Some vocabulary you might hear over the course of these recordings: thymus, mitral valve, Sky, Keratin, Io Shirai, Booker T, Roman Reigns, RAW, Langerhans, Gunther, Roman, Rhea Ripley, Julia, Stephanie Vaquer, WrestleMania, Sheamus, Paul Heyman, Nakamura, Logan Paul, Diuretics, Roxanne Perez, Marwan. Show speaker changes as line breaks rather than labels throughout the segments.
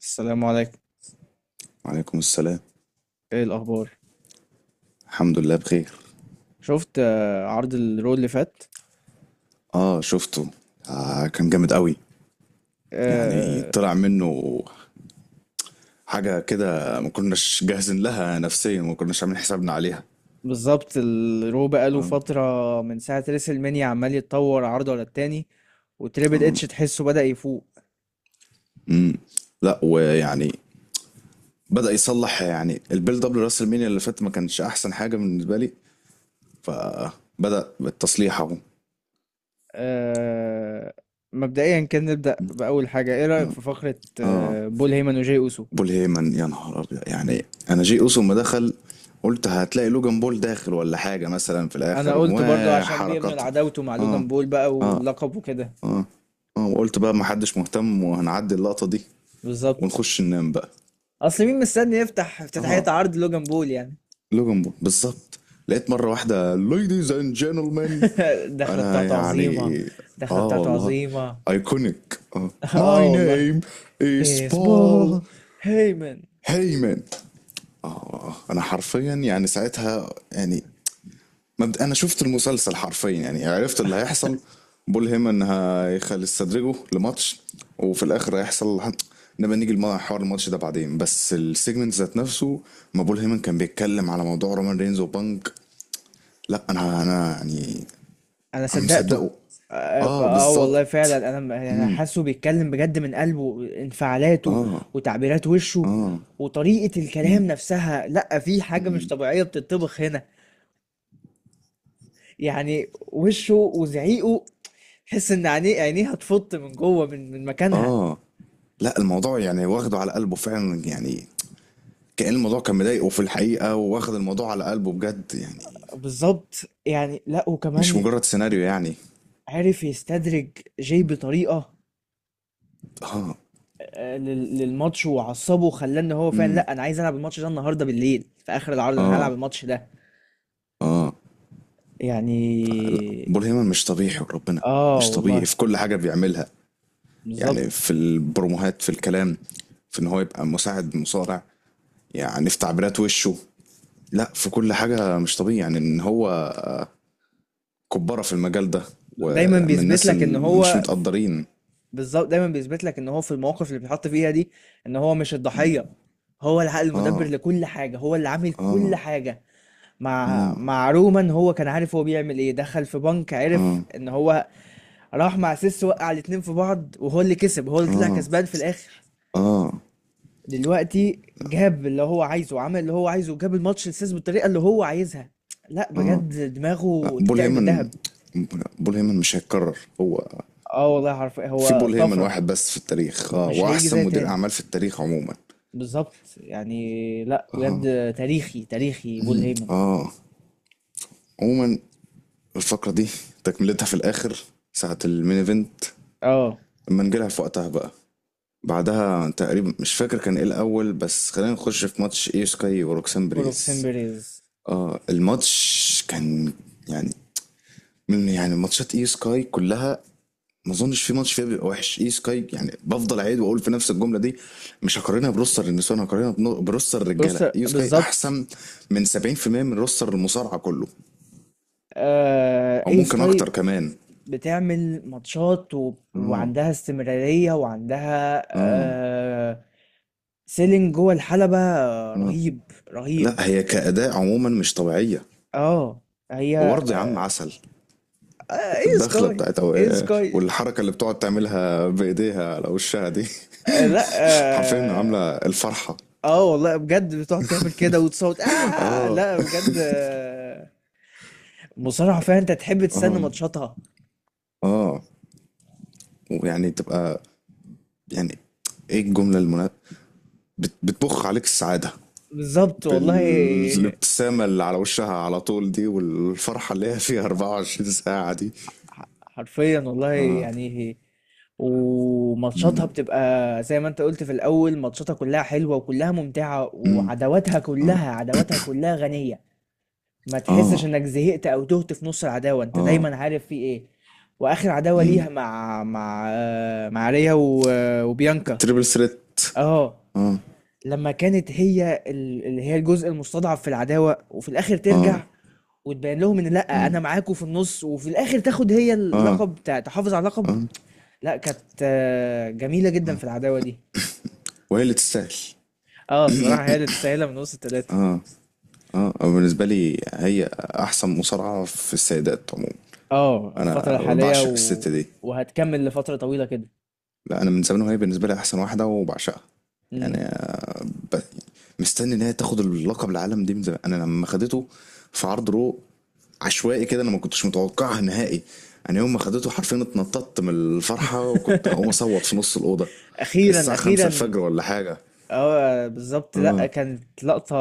السلام عليكم.
وعليكم السلام.
ايه الاخبار؟
الحمد لله بخير.
شفت عرض الرو اللي فات؟
اه، شفته. آه، كان جامد قوي. يعني
آه.
طلع منه حاجة كده ما كناش جاهزين لها نفسيا، ما كناش عاملين حسابنا عليها.
بالظبط، الرو بقاله
اه.
فتره. من ساعه ريسل مانيا عمال يتطور عرض ورا التاني، وتريبل
اه.
اتش تحسه بدأ يفوق.
امم لا، ويعني بدأ يصلح، يعني البيلد اب لراس المينيا اللي فات ما كانش احسن حاجة بالنسبة لي، فبدأ بالتصليح اهو.
آه. مبدئيا كان نبدأ بأول حاجه. ايه رأيك في فقره
اه،
بول هيمن وجاي اوسو؟
بول هيمن يا نهار ابيض، يعني انا جي اوسو ما دخل، قلت هتلاقي لوجان بول داخل ولا حاجة مثلا في
انا
الاخر
قلت برضو عشان بيبنوا
وحركات.
العداوته مع
اه.
لوجان بول بقى واللقب وكده.
اه، وقلت بقى محدش مهتم وهنعدي اللقطة دي
بالظبط.
ونخش ننام بقى.
اصل مين مستني يفتح افتتاحيه
اه،
عرض لوجان بول يعني؟
لوجن بول بالظبط. لقيت مرة واحدة ladies and gentlemen.
الدخلة
انا
بتاعته عظيمة.
يعني،
الدخلة
اه
بتاعته
والله،
عظيمة.
ايكونيك اه.
اه
my
والله.
name is Paul
اسبون هيمن.
Heyman. اه، انا حرفيا يعني ساعتها يعني انا شفت المسلسل حرفيا، يعني عرفت اللي هيحصل. بول هيمن هيخل يستدرجه لماتش وفي الاخر هيحصل. نبقى نيجي لموضوع حوار الماتش ده بعدين، بس السيجمنت ذات نفسه، ما بول هيمن كان بيتكلم على موضوع رومان رينز وبانك. لا، انا يعني
انا
انا
صدقته.
مصدقه.
اه.
اه
والله فعلا،
بالظبط.
انا حاسه بيتكلم بجد من قلبه، انفعالاته
اه.
وتعبيرات وشه
اه.
وطريقة
مم.
الكلام نفسها. لا، في حاجة مش
مم.
طبيعية بتطبخ هنا. يعني وشه وزعيقه، تحس ان عينيه هتفط من جوه، من مكانها.
اه، لا الموضوع يعني واخده على قلبه فعلا، يعني كأن الموضوع كان مضايقه في الحقيقة، واخد الموضوع على قلبه بجد يعني.
بالظبط يعني. لا،
مش
وكمان
مجرد سيناريو يعني.
عرف يستدرج، جاي بطريقة
اه.
للماتش، وعصبه وخلاه ان هو فعلا،
امم
لا انا عايز العب الماتش ده النهارده بالليل في اخر العرض، انا هلعب
اه.
الماتش ده.
اه. فلا،
يعني.
بول هيمن مش طبيعي وربنا،
اه
مش طبيعي
والله.
في كل حاجة بيعملها. يعني
بالظبط،
في البروموهات، في الكلام، في ان هو يبقى مساعد مصارع، يعني في تعبيرات وشه. لا في كل حاجة مش طبيعي، يعني ان هو كبارة في المجال ده
دايما
ومن
بيثبت
الناس
لك ان
اللي مش
هو.
متقدرين.
بالظبط، دايما بيثبت لك ان هو في المواقف اللي بيتحط فيها دي، ان هو مش الضحية. هو العقل المدبر
اه.
لكل حاجة، هو اللي عامل كل
اه.
حاجة. مع
اه.
مع رومان هو كان عارف هو بيعمل ايه، دخل في بنك،
اه.
عرف ان هو راح مع سيس، وقع الاتنين في بعض، وهو اللي كسب، هو اللي طلع
اه.
كسبان في الاخر.
اه.
دلوقتي جاب اللي هو عايزه، عمل اللي هو عايزه، جاب الماتش لسيس بالطريقه اللي هو عايزها. لا
اه
بجد،
لا،
دماغه
بول
تتقل
هيمن،
بالذهب.
بول هيمن مش هيتكرر هو.
اه والله، حرفيا
في
هو
بول هيمن
طفره.
واحد بس في التاريخ، اه
مش هيجي
واحسن
زي
مدير
تاني.
اعمال في التاريخ عموما.
بالظبط يعني. لا
اه.
بجد، تاريخي تاريخي بول هيمن.
اه. عموما الفقره دي تكملتها في الاخر ساعه المين ايفنت،
اه.
لما نجيلها في وقتها بقى. بعدها تقريبا مش فاكر كان ايه الاول، بس خلينا نخش في ماتش ايو سكاي وروكسان
وروكسين
بريز.
بيريز.
اه الماتش كان يعني من يعني ماتشات ايو سكاي كلها، ما اظنش في ماتش فيها بيبقى وحش اي سكاي. يعني بفضل اعيد واقول في نفس الجمله دي، مش هقارنها بروستر النسوان، هقارنها بروستر
بص
الرجاله. اي سكاي
بالظبط.
احسن من 70% من روستر المصارعه كله، او
اي
ممكن اكتر
سكاي
كمان.
بتعمل ماتشات
اه.
وعندها استمرارية، وعندها
اه.
سيلينج جوه الحلبة،
اه
رهيب. رهيب.
لا، هي كاداء عموما مش طبيعيه.
اه. هي.
وبرضه يا عم
آه،
عسل،
آه، ايه
الدخله
سكاي.
بتاعتها
ايه سكاي.
والحركه اللي بتقعد تعملها بايديها على وشها دي
لا
حرفيا
اه.
عامله الفرحه.
والله بجد بتقعد تعمل كده وتصوت. اه
اه.
لا بجد. مصارعة فعلا، انت تحب تستنى
اه.
ماتشاتها.
اه ويعني تبقى، يعني ايه الجمله بتبخ عليك السعادة
بالظبط والله.
بالابتسامة اللي على وشها على طول دي، والفرحة اللي هي فيها 24 ساعة دي.
حرفيا والله يعني. وماتشاتها
مم.
بتبقى زي ما انت قلت في الاول، ماتشاتها كلها حلوة وكلها ممتعة،
مم.
وعداواتها كلها، عداواتها كلها غنية. ما تحسش
اه.
انك زهقت او تهت في نص العداوه، انت
اه.
دايما عارف في ايه. واخر عداوه
مم.
ليها مع مع ريا وبيانكا.
التريبل ثريت.
اه.
اه.
لما كانت هي اللي هي الجزء المستضعف في العداوه، وفي الاخر
اه.
ترجع وتبين لهم ان لا انا معاكم في النص، وفي الاخر تاخد هي
اه
اللقب، تحافظ على اللقب. لا، كانت جميله جدا في العداوه دي.
وهي اللي تستاهل.
اه، الصراحه هي اللي تستاهلها من وسط الثلاثه.
اه، أو بالنسبة لي هي أحسن مصارعة في السيدات عموما.
اه، الفتره
أنا
الحاليه
بعشق الست دي.
وهتكمل لفتره طويله كده.
لا، أنا من زمان وهي بالنسبة لي أحسن واحدة وبعشقها.
امم.
يعني ب- مستني ان هي تاخد اللقب العالم دي من زمان. انا لما خدته في عرض رو عشوائي كده، انا ما كنتش متوقعها نهائي. انا يوم ما خدته حرفيا اتنططت من الفرحه، وكنت هقوم اصوت في نص الاوضه. كان
اخيرا
الساعه 5
اخيرا.
الفجر ولا حاجه.
اه بالظبط، لا
اه.
كانت لقطة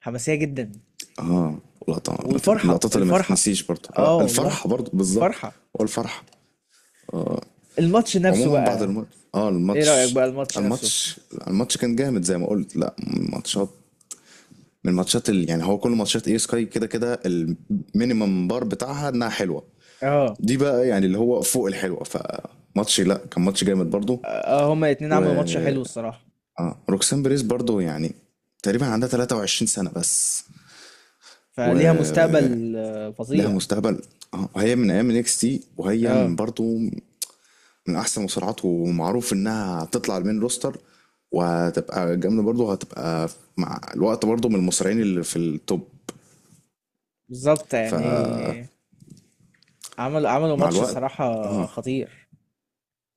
حماسية جدا.
اه. لقطه ما تت- من
والفرحة
اللقطات اللي ما
الفرحة.
تتنسيش برضه. آه
اه والله.
الفرحه برضه بالظبط.
الفرحة.
هو الفرحه.
الماتش نفسه
عموما بعد
بقى.
الماتش، اه
ايه رأيك
الماتش،
بقى الماتش نفسه؟
الماتش، الماتش كان جامد زي ما قلت. لا ماتشات، من الماتشات اللي يعني، هو كل ماتشات اي سكاي كده كده المينيمم بار بتاعها انها حلوه،
اه
دي بقى يعني اللي هو فوق الحلوه. فماتش لا، كان ماتش جامد برضو.
اه، هما الاتنين
و
عملوا ماتش حلو الصراحة.
اه، روكسان بريز برضو يعني تقريبا عندها 23 سنه بس،
فليها
و
مستقبل
لها
فظيع.
مستقبل. اه هي من ايام اكس تي، وهي من
اه
برضو من احسن المصارعات، ومعروف انها هتطلع المين روستر، وهتبقى جامده برضو، هتبقى مع الوقت برضو من المصارعين اللي في التوب.
بالظبط
ف
يعني. عملوا
مع
ماتش
الوقت.
الصراحة
اه.
خطير.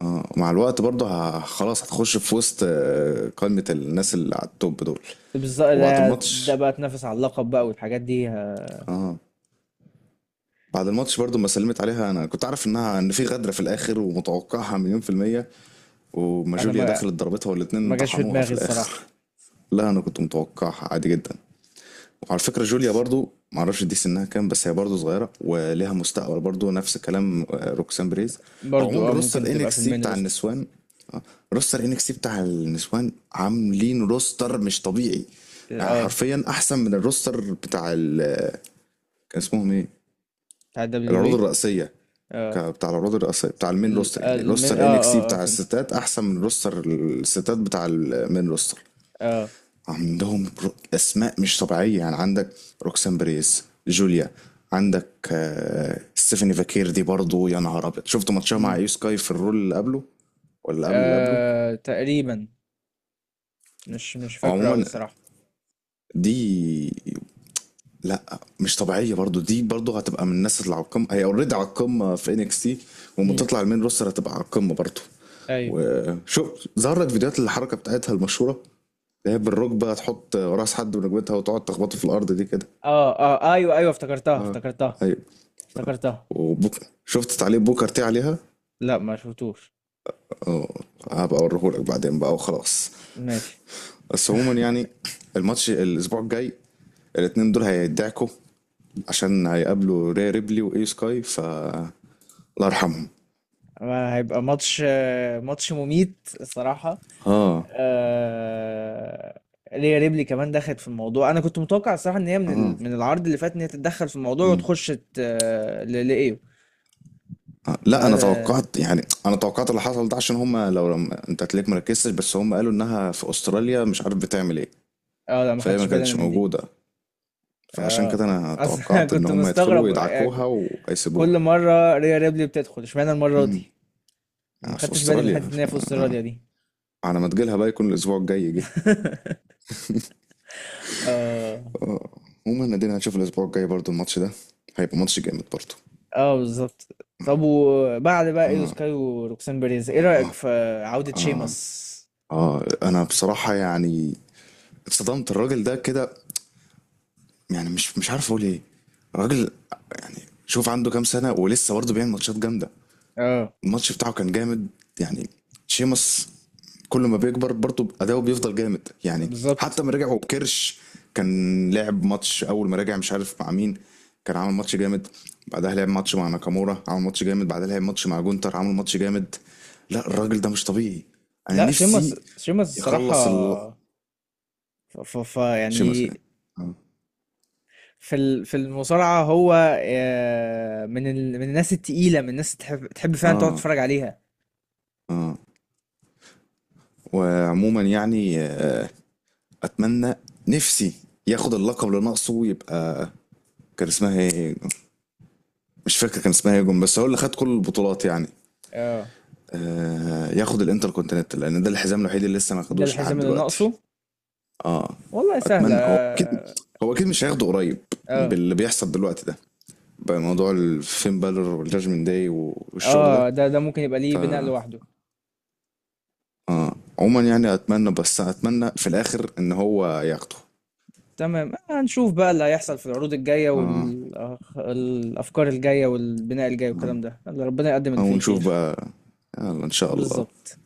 اه، مع الوقت برضه خلاص هتخش في وسط آه، قائمة الناس اللي على التوب دول.
بالظبط،
وبعد
ده
الماتش،
بقى تنافس على اللقب بقى، والحاجات دي.
اه بعد الماتش برضه ما سلمت عليها. انا كنت عارف انها ان في غدرة في الاخر، ومتوقعها مليون في المية. وما
انا
جوليا
ما
دخلت ضربتها والاتنين
ما جاش في
طحنوها
دماغي
في الاخر.
الصراحة.
لا انا كنت متوقعها عادي جدا. وعلى فكرة جوليا برضو معرفش دي سنها كام، بس هي برضو صغيرة وليها مستقبل برضو، نفس كلام آه، روكسان بريز. هو
برضو
عموما
ممكن
روستر
تبقى في
انكس سي
المين
بتاع
روستر.
النسوان، آه، روستر انكس سي بتاع النسوان عاملين روستر مش طبيعي. يعني
اه،
حرفيا احسن من الروستر بتاع ال آه، كان اسمهم ايه،
بتاع الدبليو دبليو
العروض
بي.
الرئيسية.
اه،
بتاع العروض الرئيسية بتاع المين
ال-
روستر. يعني
المن اه
روستر انكس سي
اه اه
بتاع
فهمتك.
الستات احسن من روستر الستات بتاع المين روستر.
اه.
عندهم اسماء مش طبيعيه. يعني عندك روكسان بريس، جوليا، عندك آه، ستيفاني فاكير، دي برضه يا نهار ابيض. شفت ماتشها مع
امم.
ايو سكاي في الرول اللي قبله، ولا اللي قبل اللي قبله.
تقريبا. مش فاكره قوي
عموما
الصراحه.
دي لا مش طبيعيه برضه، دي برضه هتبقى من الناس اللي على القمه، هي اوريدي على القمه في انكس تي، وما
امم.
تطلع المين روستر هتبقى على القمه برضه.
ايوه.
وشوف ظهر لك فيديوهات الحركه بتاعتها المشهوره، اللي هي بالركبه تحط راس حد بركبتها وتقعد تخبطه في الارض دي كده.
اه اه، ايوه ايوه، افتكرتها
اه
افتكرتها.
ايوه.
افتكرتها.
وبوك... شفت تعليق بوكر تي عليها.
لا ما شفتوش.
اه هبقى اوريهولك بعدين بقى وخلاص.
ماشي.
بس عموما يعني الماتش الاسبوع الجاي، الاتنين دول هيدعكوا، عشان هيقابلوا ري ريبلي واي سكاي، ف الله يرحمهم.
هيبقى ماتش مميت الصراحه.
اه.
آه. ريا ريبلي كمان دخلت في الموضوع. انا كنت متوقع الصراحه ان هي
اه.
من العرض اللي فات، ان هي تتدخل في الموضوع
مم.
وتخش لايو.
آه. لا انا
ما...
توقعت، يعني انا توقعت اللي حصل ده عشان هم لو لم... انت تلاقيك مركزتش، بس هم قالوا انها في استراليا مش عارف بتعمل ايه.
اه، لا ما
فهي
خدتش
ما
بالي انا
كانتش
من دي.
موجوده، فعشان كده
اه.
انا
اصلا
توقعت ان
كنت
هم يدخلوا
مستغرب.
يدعكوها وهيسيبوها.
كل مره ريا ريبلي بتدخل اشمعنى المره دي. ما
آه، في
خدتش بالي من
استراليا،
حته ان هي في
آه،
استراليا دي.
على ما تجيلها بقى يكون الاسبوع الجاي جه.
اه
آه، عموما ادينا هنشوف الاسبوع الجاي برضو الماتش ده هيبقى ماتش جامد برضو.
اه بالظبط. طب، وبعد بقى ايو سكاي وروكسان بيريز، ايه رايك في عوده شيمس؟
اه انا بصراحة يعني اتصدمت. الراجل ده كده يعني، مش مش عارف اقول ايه. الراجل يعني، شوف عنده كام سنة ولسه برضه بيعمل ماتشات جامدة.
اه
الماتش بتاعه كان جامد. يعني شيمس كل ما بيكبر برضه اداؤه بيفضل جامد يعني. حتى
بالظبط.
ما رجعوا بكرش، كان لعب ماتش اول ما رجع مش عارف مع مين، كان عامل ماتش جامد. بعدها لعب ماتش مع ناكامورا عامل ماتش جامد، بعدها لعب ماتش مع جونتر عامل ماتش جامد. لا الراجل ده مش طبيعي. انا
لا،
نفسي
شيمس شيمس
يخلص ال...
الصراحه. ف
شيمس
يعني.
يعني. اه.
في المصارعه هو من الناس التقيله، من الناس تحب فعلا تقعد
اه.
تتفرج عليها.
اه، وعموما يعني آه، اتمنى، نفسي ياخد اللقب اللي ناقصه ويبقى، كان اسمها ايه، مش فاكر كان اسمها ايه جون، بس هو اللي خد كل البطولات يعني.
اه،
آه ياخد الانتر كونتيننتال، لان ده الحزام الوحيد اللي لسه ما
ده
خدوش
الحزام
لحد
اللي
دلوقتي.
ناقصه.
اه،
والله سهلة
اتمنى. هو اكيد،
اه.
هو اكيد مش هياخده قريب
اه
باللي بيحصل دلوقتي ده، بموضوع الفين بالور والجاجمنت داي والشغل ده.
ده ممكن يبقى ليه بناء
اه.
لوحده.
آه. عموما يعني اتمنى، بس اتمنى في الاخر ان هو ياخده.
تمام، هنشوف بقى اللي هيحصل في العروض الجاية
اه.
والأفكار الجاية والبناء الجاي
اه.
والكلام ده. يلا، ربنا يقدم اللي
آه،
فيه
ونشوف
الخير.
بقى. يلا ان شاء الله.
بالظبط.